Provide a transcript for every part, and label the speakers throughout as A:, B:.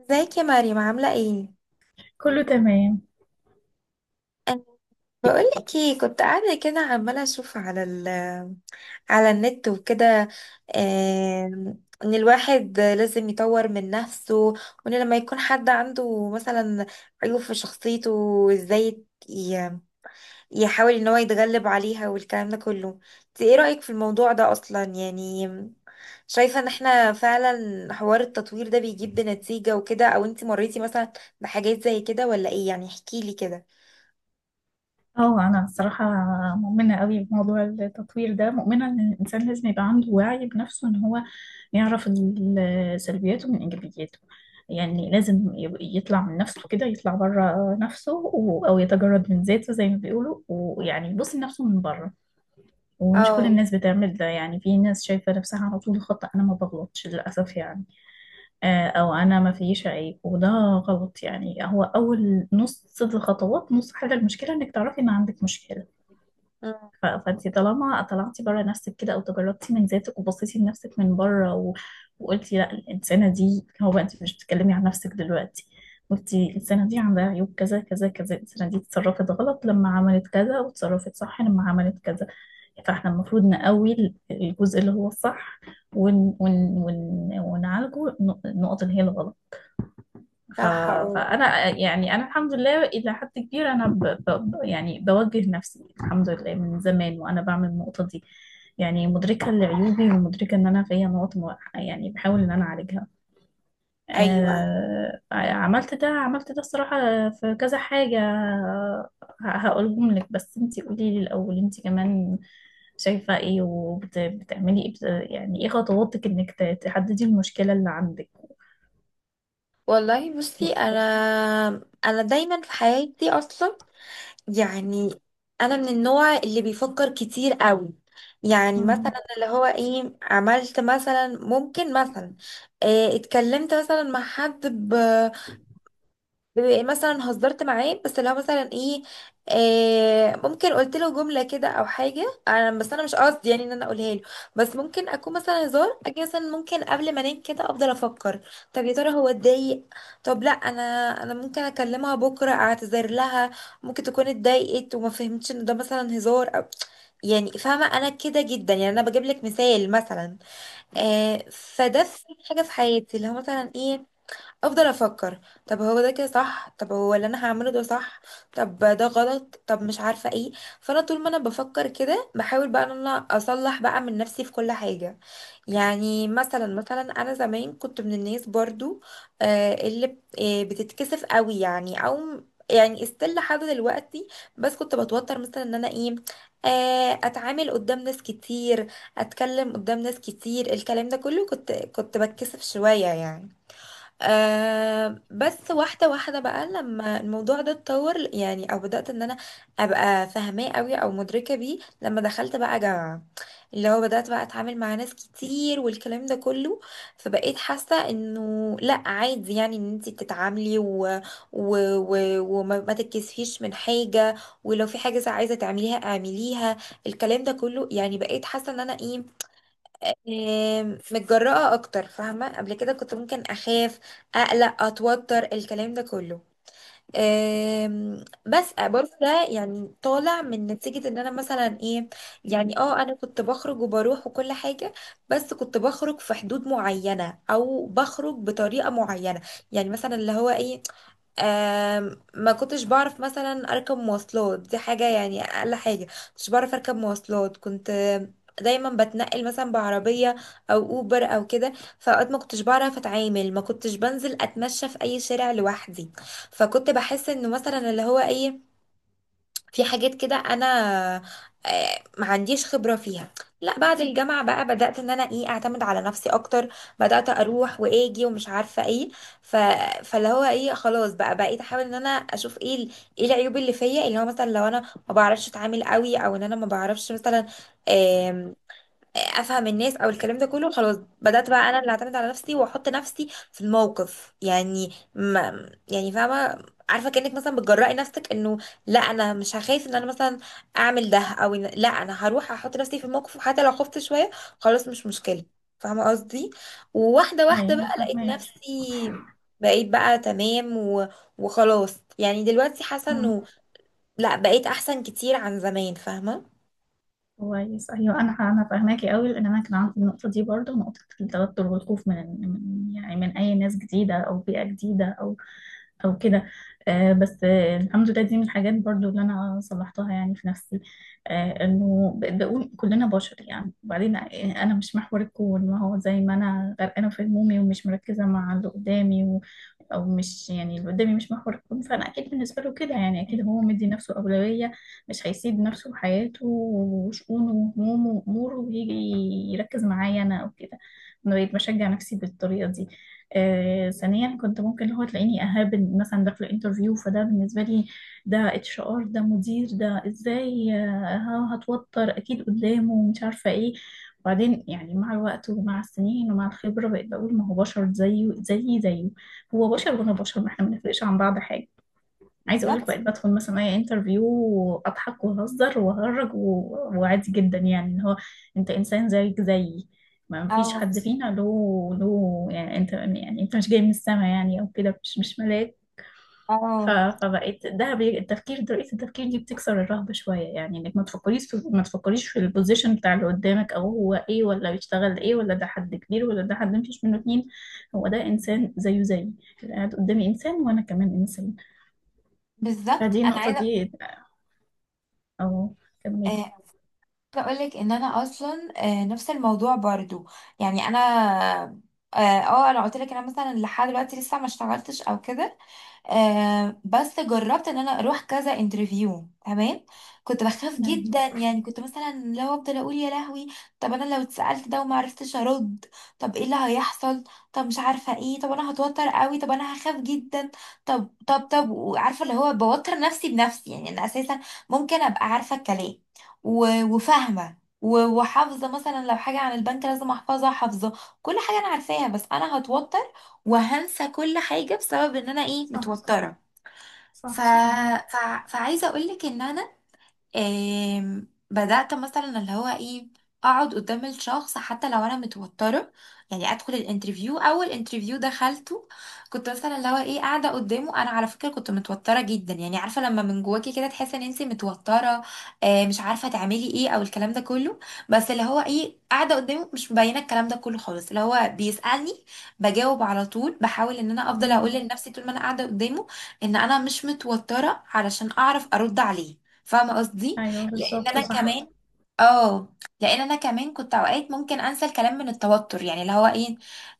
A: ازيك يا مريم، عاملة ايه؟
B: كله تمام.
A: أنا بقولك ايه، كنت قاعدة كده عمالة اشوف على النت وكده. ان الواحد لازم يطور من نفسه، وان لما يكون حد عنده مثلا عيوب في شخصيته، ازاي يحاول ان هو يتغلب عليها والكلام ده كله. انت ايه رأيك في الموضوع ده اصلا؟ يعني شايفة ان احنا فعلا حوار التطوير ده بيجيب بنتيجة وكده، او انت مريتي مثلا بحاجات زي كده ولا ايه؟ يعني احكي لي كده.
B: اه انا الصراحه مؤمنه قوي بموضوع التطوير ده، مؤمنه ان الانسان لازم يبقى عنده وعي بنفسه، ان هو يعرف سلبياته من ايجابياته. يعني لازم يطلع من نفسه كده، يطلع بره نفسه او يتجرد من ذاته زي ما بيقولوا، ويعني يبص لنفسه من بره. ومش كل
A: اه.
B: الناس بتعمل ده، يعني في ناس شايفه نفسها على طول خطأ، انا ما بغلطش للاسف يعني. او انا ما فيش عيب، وده غلط. يعني هو اول نص الخطوات، نص حل المشكله انك تعرفي ان عندك مشكله.
A: أمم،
B: فانت طالما طلعتي بره نفسك كده، او تجردتي من ذاتك وبصيتي لنفسك من بره وقلتي لا الانسانه دي، هو بقى انت مش بتتكلمي عن نفسك دلوقتي، قلتي الانسانه دي عندها عيوب كذا كذا كذا، الانسانه دي اتصرفت غلط لما عملت كذا، وتصرفت صح لما عملت كذا. فاحنا المفروض نقوي الجزء اللي هو الصح، ون... ون... ونعالجه النقط اللي هي الغلط. ف...
A: صح، اه.
B: فانا يعني انا الحمد لله الى حد كبير انا يعني بوجه نفسي الحمد لله، من زمان وانا بعمل النقطه دي. يعني مدركه لعيوبي، ومدركه ان انا فيا نقط يعني بحاول ان انا اعالجها.
A: ايوه.
B: عملت ده، عملت ده الصراحه في كذا حاجه. هقولهم لك، بس انتي قولي لي الاول، انتي كمان شايفه ايه وبتعملي ايه يعني ايه خطواتك انك تحددي المشكله اللي عندك؟
A: والله بصي، انا دايما في حياتي اصلا، يعني انا من النوع اللي بيفكر كتير قوي. يعني مثلا
B: مم.
A: اللي هو ايه، عملت مثلا، ممكن مثلا اتكلمت مثلا مع حد، بيبقى إيه مثلا هزرت معاه، بس لو مثلا ايه ممكن قلت له جمله كده او حاجه. بس انا مش قصدي يعني ان انا اقولها له، بس ممكن اكون مثلا هزار. اجي مثلا ممكن قبل ما انام كده افضل افكر، طب يا ترى هو اتضايق؟ طب لا، انا ممكن اكلمها بكره اعتذر لها، ممكن تكون اتضايقت وما فهمتش ان ده مثلا هزار، أو يعني فاهمه انا كده جدا. يعني انا بجيب لك مثال مثلا. فده في حاجه في حياتي اللي هو مثلا ايه، افضل افكر طب هو ده كده صح؟ طب هو اللي انا هعمله ده صح؟ طب ده غلط؟ طب مش عارفه ايه. فانا طول ما انا بفكر كده بحاول بقى ان انا اصلح بقى من نفسي في كل حاجه. يعني مثلا انا زمان كنت من الناس برضو اللي بتتكسف قوي يعني، او يعني استيل لحد دلوقتي، بس كنت بتوتر مثلا ان انا ايه اتعامل قدام ناس كتير، اتكلم قدام ناس كتير، الكلام ده كله كنت بتكسف شويه يعني. بس واحدة واحدة بقى لما الموضوع ده اتطور، يعني او بدأت ان انا ابقى فاهماه قوي او مدركة بيه لما دخلت بقى جامعة، اللي هو بدأت بقى اتعامل مع ناس كتير والكلام ده كله. فبقيت حاسة انه لا عادي، يعني ان انتي بتتعاملي و... وما ما تتكسفيش من حاجة، ولو في حاجة عايزة تعمليها اعمليها، الكلام ده كله. يعني بقيت حاسة ان انا ايه، متجرأة أكتر، فاهمة؟ قبل كده كنت ممكن أخاف، أقلق، أتوتر، الكلام ده كله. بس برضه ده يعني طالع من نتيجة إن أنا مثلا إيه. يعني أنا كنت بخرج وبروح وكل حاجة، بس كنت بخرج في حدود معينة أو بخرج بطريقة معينة. يعني مثلا اللي هو إيه ما كنتش بعرف مثلا اركب مواصلات، دي حاجة يعني، اقل حاجة كنتش بعرف اركب مواصلات. كنت دايما بتنقل مثلا بعربية او اوبر او كده، فاوقات ما كنتش بعرف اتعامل، ما كنتش بنزل اتمشى في اي شارع لوحدي. فكنت بحس انه مثلا اللي هو ايه، في حاجات كده انا ما عنديش خبرة فيها. لا، بعد الجامعة بقى بدأت ان انا ايه اعتمد على نفسي اكتر، بدأت اروح واجي ومش عارفة ايه. ف... فاللي هو ايه خلاص بقى، بقيت احاول ان انا اشوف ايه ايه العيوب اللي فيا، اللي هو مثلا لو انا ما بعرفش اتعامل قوي، او ان انا ما بعرفش مثلا افهم الناس او الكلام ده كله. خلاص بدات بقى انا اللي اعتمد على نفسي واحط نفسي في الموقف، يعني ما يعني فاهمه، عارفه كانك مثلا بتجرأي نفسك انه لا، انا مش هخاف ان انا مثلا اعمل ده، او إن لا، انا هروح احط نفسي في الموقف وحتى لو خفت شويه، خلاص مش مشكله. فاهمه قصدي؟ وواحده واحده
B: ايوه
A: بقى لقيت
B: فاهمك.
A: نفسي، بقيت بقى تمام، وخلاص يعني دلوقتي حاسه
B: مم.
A: انه لا، بقيت احسن كتير عن زمان، فاهمه؟
B: كويس. ايوه انا فاهماكي قوي، لان انا كان عندي النقطه دي برضو، نقطه التوتر والخوف من يعني من اي ناس جديده او بيئه جديده او او كده. بس الحمد لله دي من الحاجات برضو اللي انا صلحتها يعني في نفسي. انه بقيت بقول كلنا بشر يعني، وبعدين انا مش محور الكون، ما هو زي ما انا غرقانه في همومي ومش مركزه مع اللي قدامي او مش يعني اللي قدامي مش محور الكون، فانا اكيد بالنسبه له كده يعني، اكيد هو مدي نفسه اولويه، مش هيسيب نفسه وحياته وشؤونه وهمومه واموره ويجي يركز معايا انا او كده. انا بقيت بشجع نفسي بالطريقه دي. ثانيا كنت ممكن اللي هو تلاقيني اهابل، مثلا داخله انترفيو فده بالنسبه لي، ده اتش ار، ده مدير، ده ازاي، هتوتر اكيد قدامه ومش عارفه ايه. وبعدين يعني مع الوقت ومع السنين ومع الخبره بقيت بقول ما هو بشر زيه زيي زيه، هو بشر وانا بشر، ما احنا ما بنفرقش عن بعض حاجه. عايزه اقول لك،
A: بالظبط،
B: بقيت بدخل مثلا اي انترفيو واضحك وأهزر وأهرج وعادي جدا، يعني ان هو انت انسان زيك زيي، ما فيش
A: اه
B: حد فينا له يعني انت، يعني انت مش جاي من السما يعني او كده، مش مش ملاك.
A: اه،
B: فبقيت ده التفكير، طريقه التفكير دي بتكسر الرهبه شويه، يعني انك ما ما تفكريش في البوزيشن بتاع اللي قدامك، او هو ايه، ولا بيشتغل ايه، ولا ده حد كبير، ولا ده حد مفيش منه اتنين. هو ده انسان زيه زيي، اللي قاعد قدامي انسان وانا كمان انسان.
A: بالظبط،
B: فدي
A: انا
B: النقطة
A: عايزه
B: دي. أهو، كملي.
A: عايزه اقول لك ان انا اصلا نفس الموضوع برضو. يعني انا اه آه، انا قلت لك، انا مثلا لحد دلوقتي لسه ما اشتغلتش او كده، بس جربت ان انا اروح كذا انترفيو، تمام؟ كنت بخاف جدا
B: أيوه،
A: يعني، كنت مثلا لو افضل اقول يا لهوي، طب انا لو اتسالت ده وما عرفتش ارد، طب ايه اللي هيحصل، طب مش عارفه ايه، طب انا هتوتر قوي، طب انا هخاف جدا. طب وعارفه اللي هو بوتر نفسي بنفسي، يعني انا اساسا ممكن ابقى عارفه الكلام وفاهمه وحافظه، مثلا لو حاجه عن البنك لازم احفظها حافظه، كل حاجه انا عارفاها، بس انا هتوتر وهنسى كل حاجة بسبب ان انا ايه
B: صح
A: متوترة. ف...
B: صح. أيوه.
A: ف... فعايزة اقولك ان انا بدأت مثلا اللي هو ايه اقعد قدام الشخص حتى لو انا متوترة. يعني ادخل الانترفيو، اول انترفيو دخلته كنت مثلا اللي هو ايه قاعدة قدامه، انا على فكرة كنت متوترة جدا، يعني عارفة لما من جواكي كده تحسي ان انتي متوترة، مش عارفة تعملي ايه او الكلام ده كله، بس اللي هو ايه قاعدة قدامه مش مبينة الكلام ده كله خالص. اللي هو بيسألني بجاوب على طول، بحاول ان انا افضل اقول
B: مم.
A: لنفسي طول ما انا قاعدة قدامه ان انا مش متوترة علشان اعرف ارد عليه، فاهمه قصدي؟
B: أيوه
A: لان
B: بالظبط
A: انا
B: صح.
A: كمان اه لان انا كمان كنت اوقات ممكن انسى الكلام من التوتر، يعني اللي هو ايه،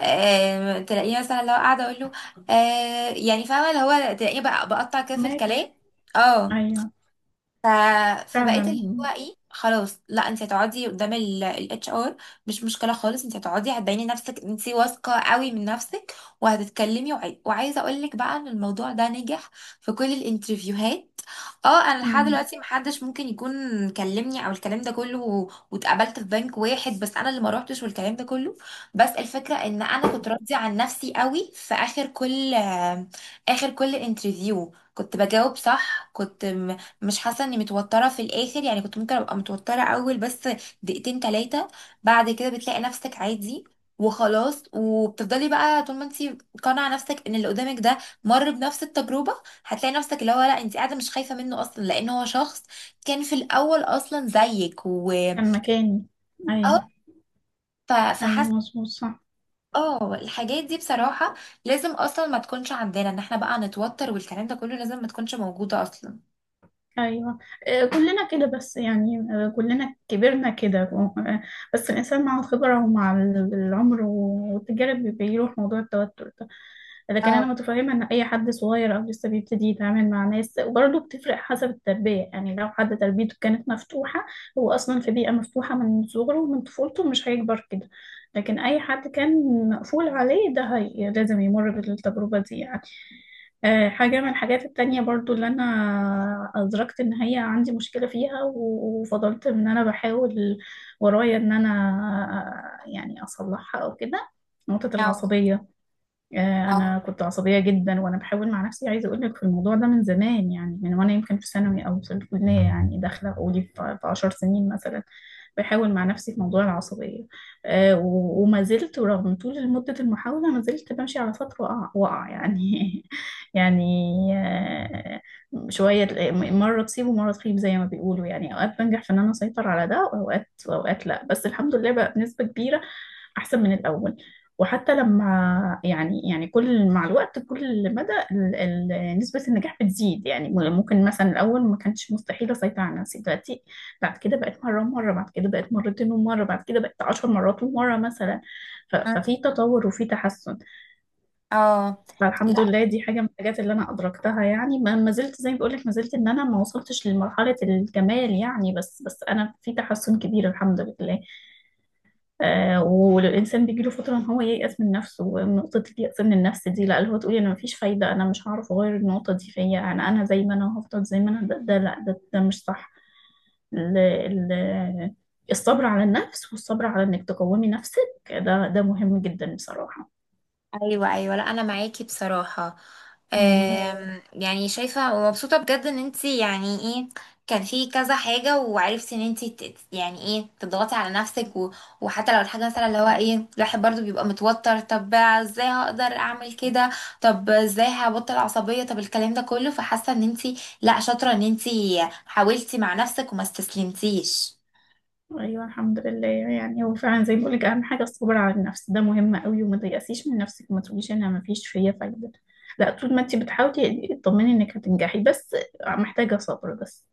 A: تلاقيه مثلا اللي هو قاعده اقول له، يعني فاهمه اللي هو تلاقيه بقى بقطع كده في
B: فهماكي.
A: الكلام. اه.
B: أيوه
A: ف... فبقيت
B: فعلا.
A: اللي هو ايه، خلاص لا، انت هتقعدي قدام الاتش ار، مش مشكله خالص، انت هتقعدي هتبيني نفسك انت واثقه قوي من نفسك وهتتكلمي. وعايزه اقول لك بقى ان الموضوع ده نجح في كل الانترفيوهات. اه، انا لحد
B: مم.
A: دلوقتي محدش ممكن يكون كلمني او الكلام ده كله، واتقابلت في بنك واحد بس انا اللي ما روحتش والكلام ده كله. بس الفكره ان انا كنت راضيه عن نفسي قوي، في اخر كل انترفيو كنت بجاوب صح، كنت مش حاسه اني متوتره في الاخر، يعني كنت ممكن ابقى متوتره اول بس دقيقتين تلاتة، بعد كده بتلاقي نفسك عادي وخلاص. وبتفضلي بقى طول ما انت قانعه نفسك ان اللي قدامك ده مر بنفس التجربه، هتلاقي نفسك اللي هو لا، انت قاعده مش خايفه منه اصلا لان هو شخص كان في الاول اصلا زيك
B: كان مكاني.
A: اه.
B: أيوه.
A: ف-
B: أيوه
A: فحاسه.
B: مظبوط صح.
A: اه، الحاجات دي بصراحه لازم اصلا ما تكونش عندنا، ان احنا بقى نتوتر والكلام ده كله، لازم ما تكونش موجوده اصلا.
B: ايوه. كلنا كده بس يعني، كلنا كبرنا كده، بس الانسان مع الخبره ومع العمر والتجارب بيروح موضوع التوتر ده. لكن انا
A: اه
B: متفهمه ان اي حد صغير او لسه بيبتدي يتعامل مع ناس، وبرضه بتفرق حسب التربيه، يعني لو حد تربيته كانت مفتوحه، هو اصلا في بيئه مفتوحه من صغره ومن طفولته، مش هيكبر كده. لكن اي حد كان مقفول عليه ده، هي لازم يمر بالتجربه دي يعني. حاجة من الحاجات التانية برضو اللي أنا أدركت إن هي عندي مشكلة فيها، وفضلت إن أنا بحاول ورايا إن أنا يعني أصلحها أو كده: نقطة
A: اه
B: العصبية. انا
A: اه
B: كنت عصبيه جدا، وانا بحاول مع نفسي، عايزه اقول لك في الموضوع ده من زمان، يعني من وانا يمكن في ثانوي او في الكليه، يعني داخله قولي في 10 سنين مثلا بحاول مع نفسي في موضوع العصبيه. وما زلت رغم طول مده المحاوله ما زلت بمشي على فتره وقع يعني يعني. آه، شويه مره تصيب ومره تخيب زي ما بيقولوا، يعني اوقات بنجح في ان انا اسيطر على ده، واوقات لا، بس الحمد لله بقى بنسبه كبيره احسن من الاول. وحتى لما يعني، يعني كل مع الوقت كل مدى نسبة النجاح بتزيد يعني، ممكن مثلا الأول ما كانش مستحيل أسيطر على نفسي دلوقتي، بعد كده بقت مرة ومرة، بعد كده بقت مرتين ومرة، بعد كده بقت عشر مرات ومرة مثلا. ففي تطور وفي تحسن.
A: اه،
B: فالحمد لله دي حاجة من الحاجات اللي أنا أدركتها، يعني ما زلت زي ما بقول لك، ما زلت إن أنا ما وصلتش لمرحلة الكمال يعني، بس بس أنا في تحسن كبير الحمد لله. آه، والإنسان بيجيله فترة إن هو ييأس من نفسه، ونقطة اليأس من النفس دي لا، اللي هو تقولي أنا مفيش فايدة، أنا مش هعرف أغير النقطة دي فيا، أنا زي ما أنا هفضل زي ما أنا، ده لا، ده مش صح. ال ال الصبر على النفس، والصبر على إنك تقومي نفسك، ده ده مهم جدا بصراحة.
A: ايوه ايوه، لا انا معاكي بصراحه.
B: مم.
A: اه، يعني شايفه ومبسوطه بجد ان انتي يعني ايه، كان في كذا حاجه وعرفتي ان انتي يعني ايه تضغطي على نفسك، وحتى لو الحاجه مثلا اللي هو ايه الواحد برضو بيبقى متوتر، طب ازاي هقدر اعمل كده، طب ازاي هبطل العصبيه، طب الكلام ده كله. فحاسه ان انتي لا، شاطره ان انتي حاولتي مع نفسك وما استسلمتيش.
B: أيوة الحمد لله، يعني هو فعلا زي ما بقولك، أهم حاجة الصبر على النفس، ده مهم قوي، وما تيأسيش من نفسك، وما تقوليش أنا مفيش فيا فايدة. لا، طول ما أنت بتحاولي اطمني إنك هتنجحي، بس محتاجة صبر بس.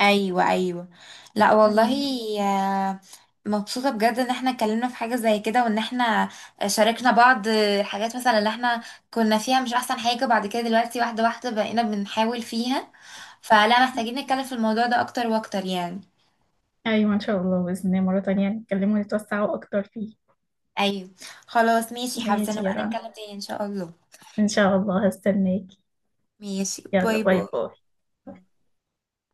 A: ايوه ايوه، لا والله،
B: ايوه.
A: آه، مبسوطه بجد ان احنا اتكلمنا في حاجه زي كده، وان احنا شاركنا بعض حاجات مثلا اللي احنا كنا فيها، مش احسن حاجه، بعد كده دلوقتي واحده واحده بقينا بنحاول فيها، فلا محتاجين نتكلم في الموضوع ده اكتر واكتر يعني.
B: ايوه ان شاء الله، باذن الله مره تانية نتكلموا ونتوسعوا اكتر فيه.
A: ايوه. خلاص، ماشي، حابه
B: ماشي
A: نبقى
B: يا رنا،
A: نتكلم تاني ان شاء الله.
B: ان شاء الله هستناكي.
A: ماشي.
B: يلا
A: باي
B: باي
A: باي.
B: باي.